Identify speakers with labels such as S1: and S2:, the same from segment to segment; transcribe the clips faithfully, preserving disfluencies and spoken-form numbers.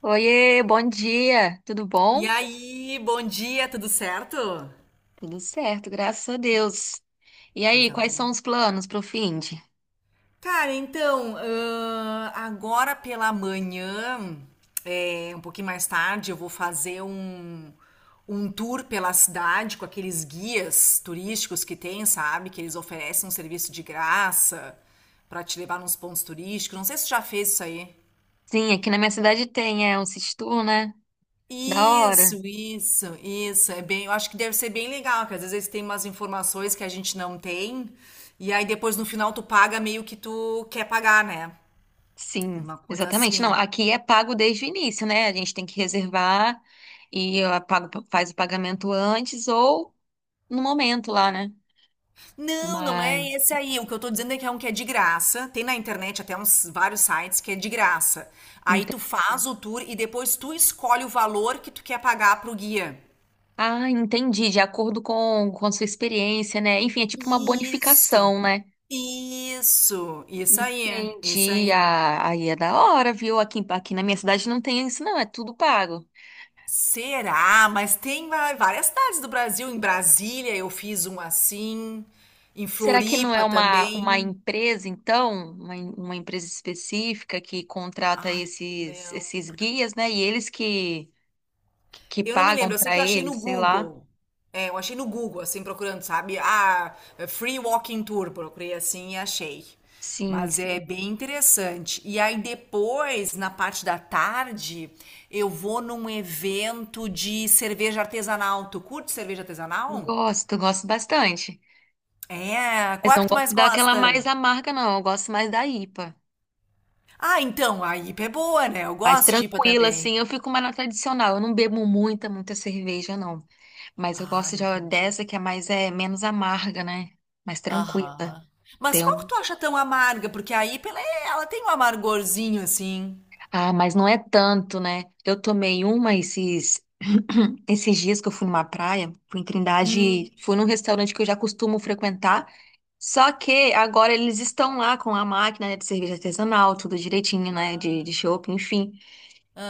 S1: Oiê, bom dia. Tudo
S2: E
S1: bom?
S2: aí, bom dia, tudo certo?
S1: Tudo certo, graças a Deus. E aí,
S2: Coisa
S1: quais
S2: boa.
S1: são os planos pro fim de?
S2: Cara, então, ahn, agora pela manhã, é, um pouquinho mais tarde, eu vou fazer um, um tour pela cidade com aqueles guias turísticos que tem, sabe? Que eles oferecem um serviço de graça pra te levar nos pontos turísticos. Não sei se tu já fez isso aí.
S1: Sim, aqui na minha cidade tem, é um sítio tour, né? Da hora.
S2: Isso, isso, isso. É bem, eu acho que deve ser bem legal, porque às vezes tem umas informações que a gente não tem, e aí depois no final tu paga meio que tu quer pagar, né?
S1: Sim,
S2: Uma coisa
S1: exatamente. Não,
S2: assim.
S1: aqui é pago desde o início, né? A gente tem que reservar e eu pago, faz o pagamento antes ou no momento lá, né?
S2: Não, não é
S1: Mas.
S2: esse aí. O que eu tô dizendo é que é um que é de graça. Tem na internet até uns vários sites que é de graça. Aí
S1: ente-
S2: tu faz o tour e depois tu escolhe o valor que tu quer pagar pro guia.
S1: Ah, entendi. De acordo com, com a sua experiência, né? Enfim, é tipo uma
S2: Isso,
S1: bonificação, né?
S2: isso, isso aí, isso
S1: Entendi.
S2: aí.
S1: Ah, aí é da hora, viu? Aqui, aqui na minha cidade não tem isso, não. É tudo pago.
S2: Será? Mas tem va- várias cidades do Brasil. Em Brasília eu fiz um assim. Em
S1: Será que não é
S2: Floripa
S1: uma, uma
S2: também.
S1: empresa, então? Uma, em- uma empresa específica que contrata
S2: Ai, não me
S1: esses, esses
S2: lembro.
S1: guias, né? E eles que, que, que
S2: Eu não me
S1: pagam
S2: lembro. Eu sei que
S1: para
S2: eu achei no
S1: eles, sei lá.
S2: Google. É, eu achei no Google, assim, procurando, sabe? Ah, Free Walking Tour. Procurei assim e achei.
S1: Sim,
S2: Mas é
S1: sim.
S2: bem interessante. E aí depois, na parte da tarde, eu vou num evento de cerveja artesanal. Tu curte cerveja artesanal?
S1: Gosto, gosto bastante.
S2: É, qual é que tu
S1: Gosto
S2: mais
S1: daquela mais
S2: gosta?
S1: amarga, não. Eu gosto mais da IPA.
S2: Ah, então, a I P A é boa, né? Eu
S1: Mais
S2: gosto de I P A
S1: tranquila,
S2: também.
S1: assim. Eu fico mais na tradicional. Eu não bebo muita, muita cerveja, não. Mas eu
S2: Ah,
S1: gosto de
S2: entendi.
S1: dessa que é mais é menos amarga, né? Mais tranquila.
S2: Aham. Mas
S1: Tem
S2: qual que
S1: um...
S2: tu acha tão amarga? Porque a I P A, ela, é- ela tem um amargorzinho, assim.
S1: Ah, mas não é tanto, né? Eu tomei uma esses esses dias que eu fui numa praia, fui em Trindade,
S2: Hum,
S1: fui num restaurante que eu já costumo frequentar. Só que agora eles estão lá com a máquina, né, de cerveja artesanal, tudo direitinho, né? De, de chopp, enfim.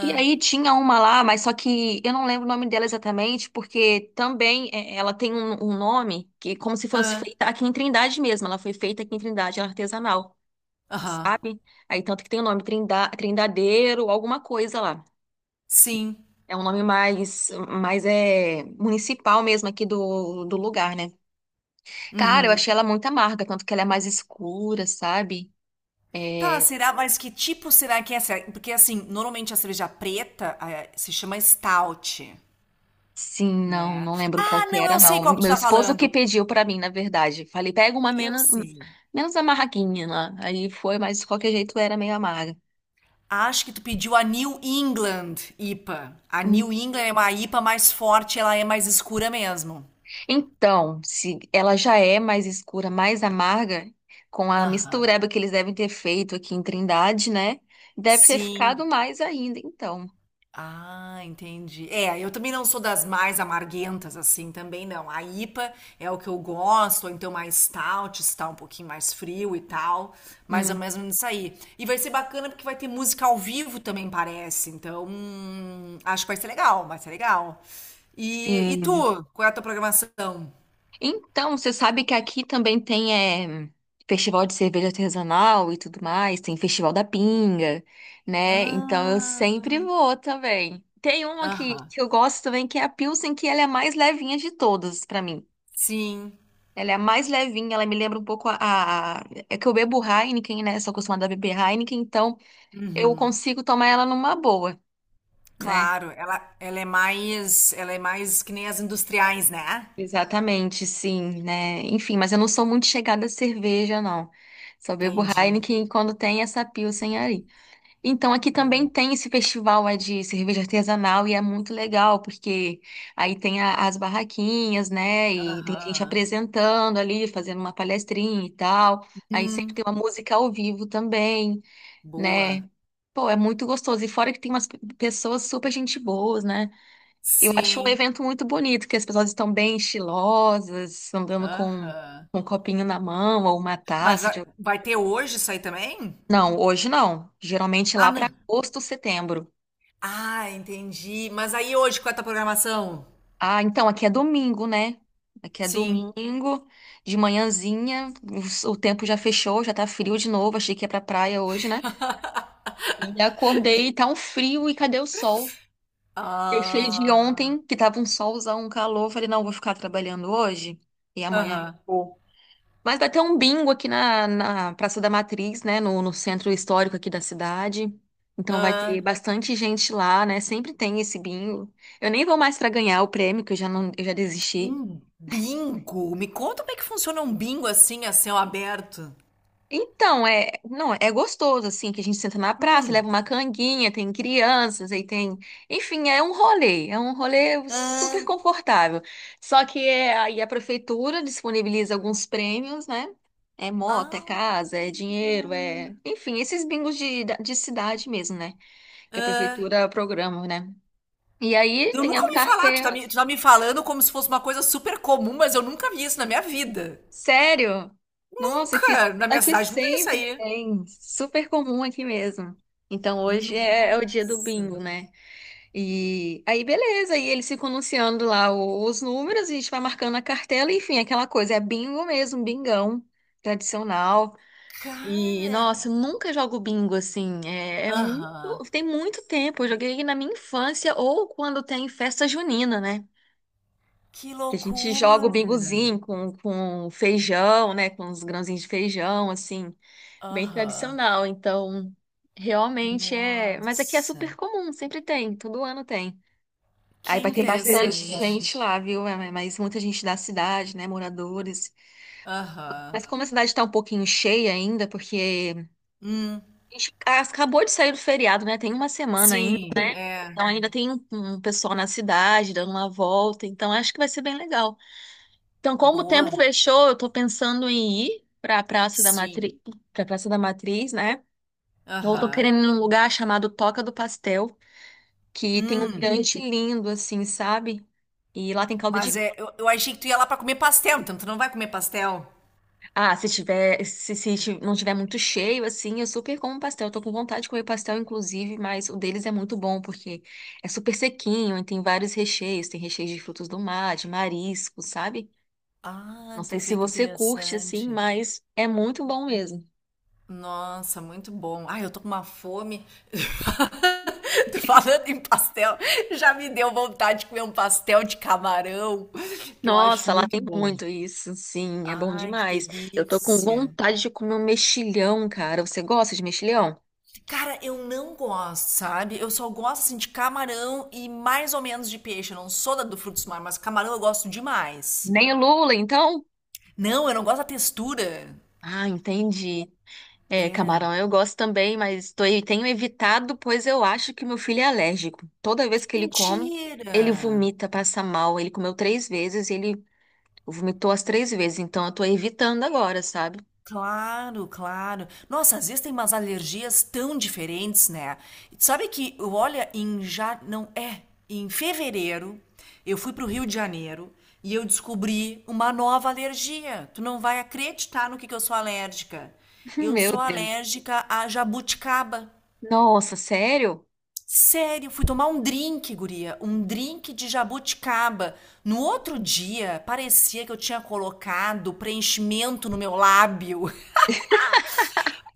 S1: E aí tinha uma lá, mas só que eu não lembro o nome dela exatamente, porque também é, ela tem um, um nome que é como se fosse
S2: ah,
S1: feita aqui em Trindade mesmo. Ela foi feita aqui em Trindade, ela é artesanal.
S2: aham.
S1: Aí tanto que tem o nome Trinda, Trindadeiro, alguma coisa lá.
S2: Sim.
S1: É um nome mais, mais é municipal mesmo aqui do, do lugar, né? Cara, eu
S2: Uhum.
S1: achei ela muito amarga, tanto que ela é mais escura, sabe?
S2: Tá,
S1: É,
S2: será? Mas que tipo será que é essa? Porque, assim, normalmente a cerveja preta, eh, se chama stout,
S1: sim, não,
S2: né?
S1: não lembro qual
S2: Ah,
S1: que
S2: não,
S1: era,
S2: eu sei
S1: não.
S2: qual que tu
S1: Meu
S2: tá
S1: esposo que
S2: falando.
S1: pediu pra mim, na verdade. Falei, pega uma
S2: Eu
S1: menos,
S2: sei.
S1: menos amarguinha lá. Aí foi, mas de qualquer jeito era meio amarga.
S2: Acho que tu pediu a New England I P A. A A
S1: Hum.
S2: New England é uma I P A mais forte, ela é mais escura mesmo.
S1: Então, se ela já é mais escura, mais amarga, com a
S2: Aham.
S1: mistureba que eles devem ter feito aqui em Trindade, né? Deve ter
S2: Sim.
S1: ficado mais ainda, então.
S2: Ah, entendi. É, eu também não sou das mais amarguentas, assim, também não. A I P A é o que eu gosto, ou então mais stout, está um pouquinho mais frio e tal, é mais ou
S1: Hum,
S2: menos nisso aí. E vai ser bacana porque vai ter música ao vivo também, parece. Então, hum, acho que vai ser legal, vai ser legal. E, e
S1: sim.
S2: tu, qual é a tua programação?
S1: Então, você sabe que aqui também tem eh, festival de cerveja artesanal e tudo mais, tem festival da pinga, né? Então eu
S2: Ah,
S1: sempre vou também. Tem uma que,
S2: aham.
S1: que eu gosto também, que é a Pilsen, que ela é a mais levinha de todas pra mim.
S2: Sim.
S1: Ela é a mais levinha, ela me lembra um pouco a, a- É que eu bebo Heineken, né? Sou acostumada a beber Heineken, então eu
S2: Uhum.
S1: consigo tomar ela numa boa, né?
S2: Claro, ela, ela é mais, ela é mais que nem as industriais, né?
S1: Exatamente, sim, né? Enfim, mas eu não sou muito chegada a cerveja, não. Só bebo
S2: Entendi.
S1: Heineken quando tem essa Pilsen aí. Então, aqui também
S2: Boa.
S1: tem esse festival é, de cerveja artesanal e é muito legal, porque aí tem a- as barraquinhas, né? E tem gente
S2: Aham.
S1: apresentando ali, fazendo uma palestrinha e tal. Aí sempre tem
S2: Hum,
S1: uma música ao vivo também, né?
S2: boa.
S1: Pô, é muito gostoso. E fora que tem umas pe- pessoas super gente boas, né? Eu acho um
S2: Sim.
S1: evento muito bonito, que as pessoas estão bem estilosas, andando com
S2: Aham.
S1: com um copinho na mão ou uma
S2: Mas
S1: taça.
S2: vai,
S1: De-
S2: vai ter hoje isso aí também?
S1: Não, hoje não. Geralmente
S2: Ah,
S1: lá para
S2: não.
S1: agosto, setembro.
S2: Ah, entendi. Mas aí hoje, qual é a tua programação?
S1: Ah, então aqui é domingo, né? Aqui é
S2: Sim.
S1: domingo, de manhãzinha, os- o tempo já fechou, já tá frio de novo. Achei que ia pra praia hoje, né? E acordei, e tá um frio e cadê o sol? Deixei de
S2: Ah,
S1: ontem, que tava um solzão, um calor. Falei, não, vou ficar trabalhando hoje e amanhã.
S2: aham.
S1: Mas vai ter um bingo aqui na, na Praça da Matriz, né? No, no centro histórico aqui da cidade. Então vai ter
S2: Ah,
S1: bastante gente lá, né? Sempre tem esse bingo. Eu nem vou mais para ganhar o prêmio, que eu já não, eu já desisti.
S2: um bingo? Me conta como é que funciona um bingo assim, a céu aberto.
S1: Então, é, não, é gostoso, assim, que a gente senta na praça,
S2: Hum,
S1: leva uma canguinha, tem crianças, aí tem, enfim, é um rolê, é um rolê super
S2: Ah,
S1: confortável. Só que é, aí a prefeitura disponibiliza alguns prêmios, né? É moto, é
S2: ah,
S1: casa, é dinheiro, é, enfim, esses bingos de, de cidade mesmo, né? Que a
S2: ah.
S1: prefeitura programa, né? E aí
S2: Eu
S1: tem as
S2: nunca ouvi falar, tu tá me, tu
S1: carteiras.
S2: tá me falando como se fosse uma coisa super comum, mas eu nunca vi isso na minha vida.
S1: Sério? Nossa, aqui,
S2: Nunca! Na minha
S1: aqui
S2: cidade não tem isso
S1: sempre
S2: aí.
S1: tem. Super comum aqui mesmo. Então hoje é, é o dia do
S2: Nossa,
S1: bingo, né? E aí, beleza, aí eles ficam anunciando lá o- os números, a gente vai marcando a cartela, enfim, aquela coisa. É bingo mesmo, bingão tradicional. E,
S2: cara.
S1: nossa, eu nunca jogo bingo assim. É, é muito,
S2: Aham.
S1: tem muito tempo. Eu joguei na minha infância ou quando tem festa junina, né?
S2: Que
S1: Que a gente joga o
S2: loucura.
S1: bingozinho com, com feijão, né? Com os grãozinhos de feijão, assim, bem
S2: Aham.
S1: tradicional. Então, realmente é. Mas aqui é
S2: Nossa.
S1: super comum, sempre tem, todo ano tem.
S2: Que
S1: Aí vai ter bastante
S2: interessante.
S1: gente lá, viu? É, mas muita gente da cidade, né? Moradores.
S2: Aham.
S1: Mas como a cidade está um pouquinho cheia ainda, porque
S2: Hum.
S1: a gente acabou de sair do feriado, né? Tem uma semana ainda.
S2: Sim, é.
S1: Então ainda tem um um pessoal na cidade dando uma volta. Então acho que vai ser bem legal. Então, como o tempo
S2: Boa.
S1: fechou, eu tô pensando em ir pra Praça da Matriz,
S2: Sim.
S1: pra Praça da Matriz, né? Ou tô
S2: Aham.
S1: querendo ir num lugar chamado Toca do Pastel, que tem um
S2: Hum.
S1: mirante lindo, assim, sabe? E lá tem caldo
S2: Mas
S1: de.
S2: é, eu, eu achei que tu ia lá pra comer pastel, então tu não vai comer pastel?
S1: Ah, se tiver, se, se ti- não tiver muito cheio, assim, eu super como pastel. Eu tô com vontade de comer pastel, inclusive, mas o deles é muito bom, porque é super sequinho e tem vários recheios. Tem recheios de frutos do mar, de marisco, sabe?
S2: Ah,
S1: Não
S2: tu
S1: sei se
S2: vê que
S1: você curte, assim,
S2: interessante.
S1: mas é muito bom mesmo.
S2: Nossa, muito bom. Ai, eu tô com uma fome. Tô falando em pastel, já me deu vontade de comer um pastel de camarão, que eu acho
S1: Nossa, lá
S2: muito
S1: tem
S2: bom.
S1: muito isso, sim, é bom
S2: Ai, que
S1: demais. Eu tô com
S2: delícia.
S1: vontade de comer um mexilhão, cara. Você gosta de mexilhão?
S2: Cara, eu não gosto, sabe? Eu só gosto assim de camarão e mais ou menos de peixe. Eu não sou da do frutos do mar, mas camarão eu gosto demais.
S1: Nem lula, então?
S2: Não, eu não gosto da textura.
S1: Ah, entendi. É,
S2: É.
S1: camarão eu gosto também, mas tô, eu tenho evitado, pois eu acho que meu filho é alérgico. Toda vez que ele come,
S2: Mentira!
S1: ele vomita, passa mal. Ele comeu três vezes e ele vomitou as três vezes, então eu tô evitando agora, sabe?
S2: Claro, claro. Nossa, às vezes tem umas alergias tão diferentes, né? E tu sabe que, olha, em já não é, em fevereiro eu fui pro Rio de Janeiro e eu descobri uma nova alergia. Tu não vai acreditar no que que eu sou alérgica. Eu
S1: Meu
S2: sou
S1: Deus.
S2: alérgica a jabuticaba.
S1: Nossa, sério?
S2: Sério, fui tomar um drink, guria, um drink de jabuticaba. No outro dia, parecia que eu tinha colocado preenchimento no meu lábio.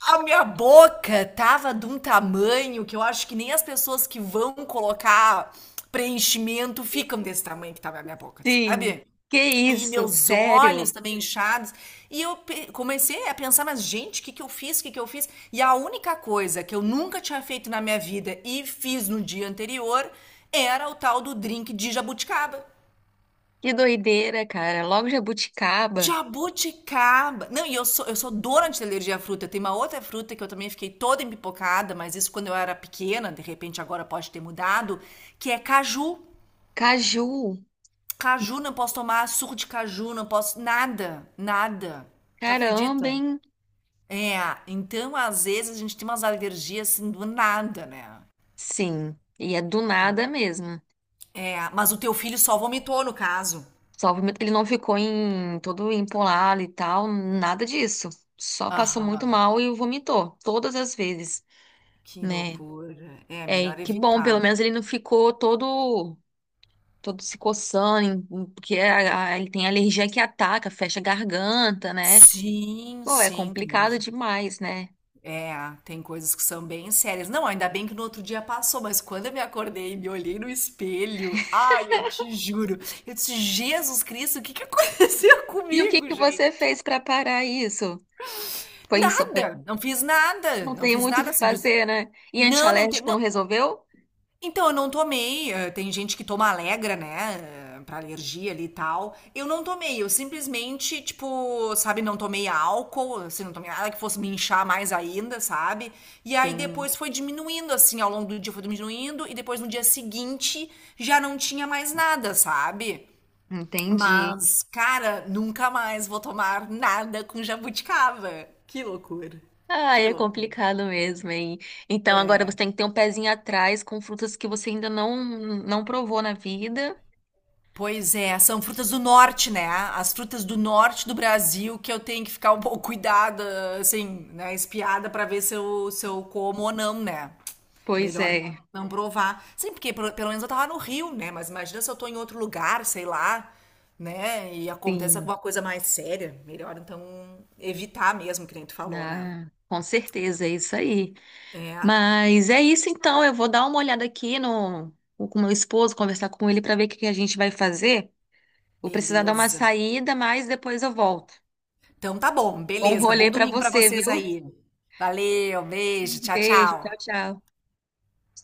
S2: A minha boca tava de um tamanho que eu acho que nem as pessoas que vão colocar preenchimento ficam desse tamanho que tava a minha boca,
S1: Sim.
S2: sabe?
S1: Que
S2: E
S1: isso,
S2: meus
S1: sério?
S2: olhos também inchados. E eu pe- comecei a pensar, mas gente, o que que eu fiz? O que que eu fiz? E a única coisa que eu nunca tinha feito na minha vida e fiz no dia anterior era o tal do drink de jabuticaba.
S1: Que doideira, cara. Logo jabuticaba,
S2: Jabuticaba. Não, e eu sou, eu sou doente de alergia à fruta. Tem uma outra fruta que eu também fiquei toda empipocada, mas isso quando eu era pequena, de repente agora pode ter mudado, que é caju.
S1: caju.
S2: Caju, não posso tomar suco de caju, não posso. Nada, nada. Tu
S1: Caramba,
S2: acredita?
S1: hein?
S2: É, então às vezes a gente tem umas alergias assim do nada, né?
S1: Sim. E é do nada mesmo.
S2: É, mas o teu filho só vomitou no caso.
S1: Só o ele não ficou em todo empolado e tal, nada disso. Só passou muito
S2: Aham,
S1: mal e vomitou todas as vezes,
S2: que
S1: né?
S2: loucura. É,
S1: É, e
S2: melhor
S1: que bom, pelo
S2: evitar.
S1: menos ele não ficou todo todo se coçando, em- em- porque a- a- ele tem alergia que ataca, fecha a garganta, né?
S2: Sim,
S1: Pô, é
S2: sim, tem
S1: complicado demais, né?
S2: é, tem coisas que são bem sérias. Não, ainda bem que no outro dia passou, mas quando eu me acordei e me olhei no espelho, ai, eu te juro, eu disse, Jesus Cristo, o que que aconteceu
S1: E o que
S2: comigo,
S1: que
S2: gente?
S1: você fez pra parar isso? Foi isso,
S2: Nada, não fiz nada,
S1: não
S2: não
S1: tem
S2: fiz
S1: muito o que
S2: nada, simples.
S1: fazer, né? E
S2: Não, não tem,
S1: antialérgico não
S2: não.
S1: resolveu?
S2: Então, eu não tomei. eh, Tem gente que toma Alegra, né? eh, Pra alergia ali e tal. Eu não tomei. Eu simplesmente, tipo, sabe, não tomei álcool, assim, não tomei nada que fosse me inchar mais ainda, sabe? E aí
S1: Sim,
S2: depois foi diminuindo, assim, ao longo do dia foi diminuindo. E depois no dia seguinte já não tinha mais nada, sabe?
S1: entendi.
S2: Mas, cara, nunca mais vou tomar nada com jabuticaba. Que loucura.
S1: Ah,
S2: Que
S1: é
S2: loucura.
S1: complicado mesmo, hein? Então agora você tem que ter um pezinho atrás com frutas que você ainda não não provou na vida.
S2: Pois é, são frutas do norte, né? As frutas do norte do Brasil que eu tenho que ficar um pouco cuidada, assim, né? Espiada pra ver se eu, se eu como ou não, né?
S1: Pois
S2: Melhor não
S1: é,
S2: não provar. Sim, porque pelo pelo menos eu tava no Rio, né? Mas imagina se eu tô em outro lugar, sei lá, né? E acontece
S1: sim.
S2: alguma coisa mais séria. Melhor então evitar mesmo, que nem tu falou, né?
S1: Ah, com certeza, é isso aí.
S2: É,
S1: Mas é isso então, eu vou dar uma olhada aqui no com o meu esposo, conversar com ele para ver o que que a gente vai fazer. Vou precisar dar uma
S2: beleza.
S1: saída, mas depois eu volto.
S2: Então tá bom,
S1: Bom
S2: beleza.
S1: rolê
S2: Bom
S1: para
S2: domingo pra
S1: você, viu?
S2: vocês aí. Valeu, beijo, tchau,
S1: Beijo, tchau,
S2: tchau.
S1: tchau.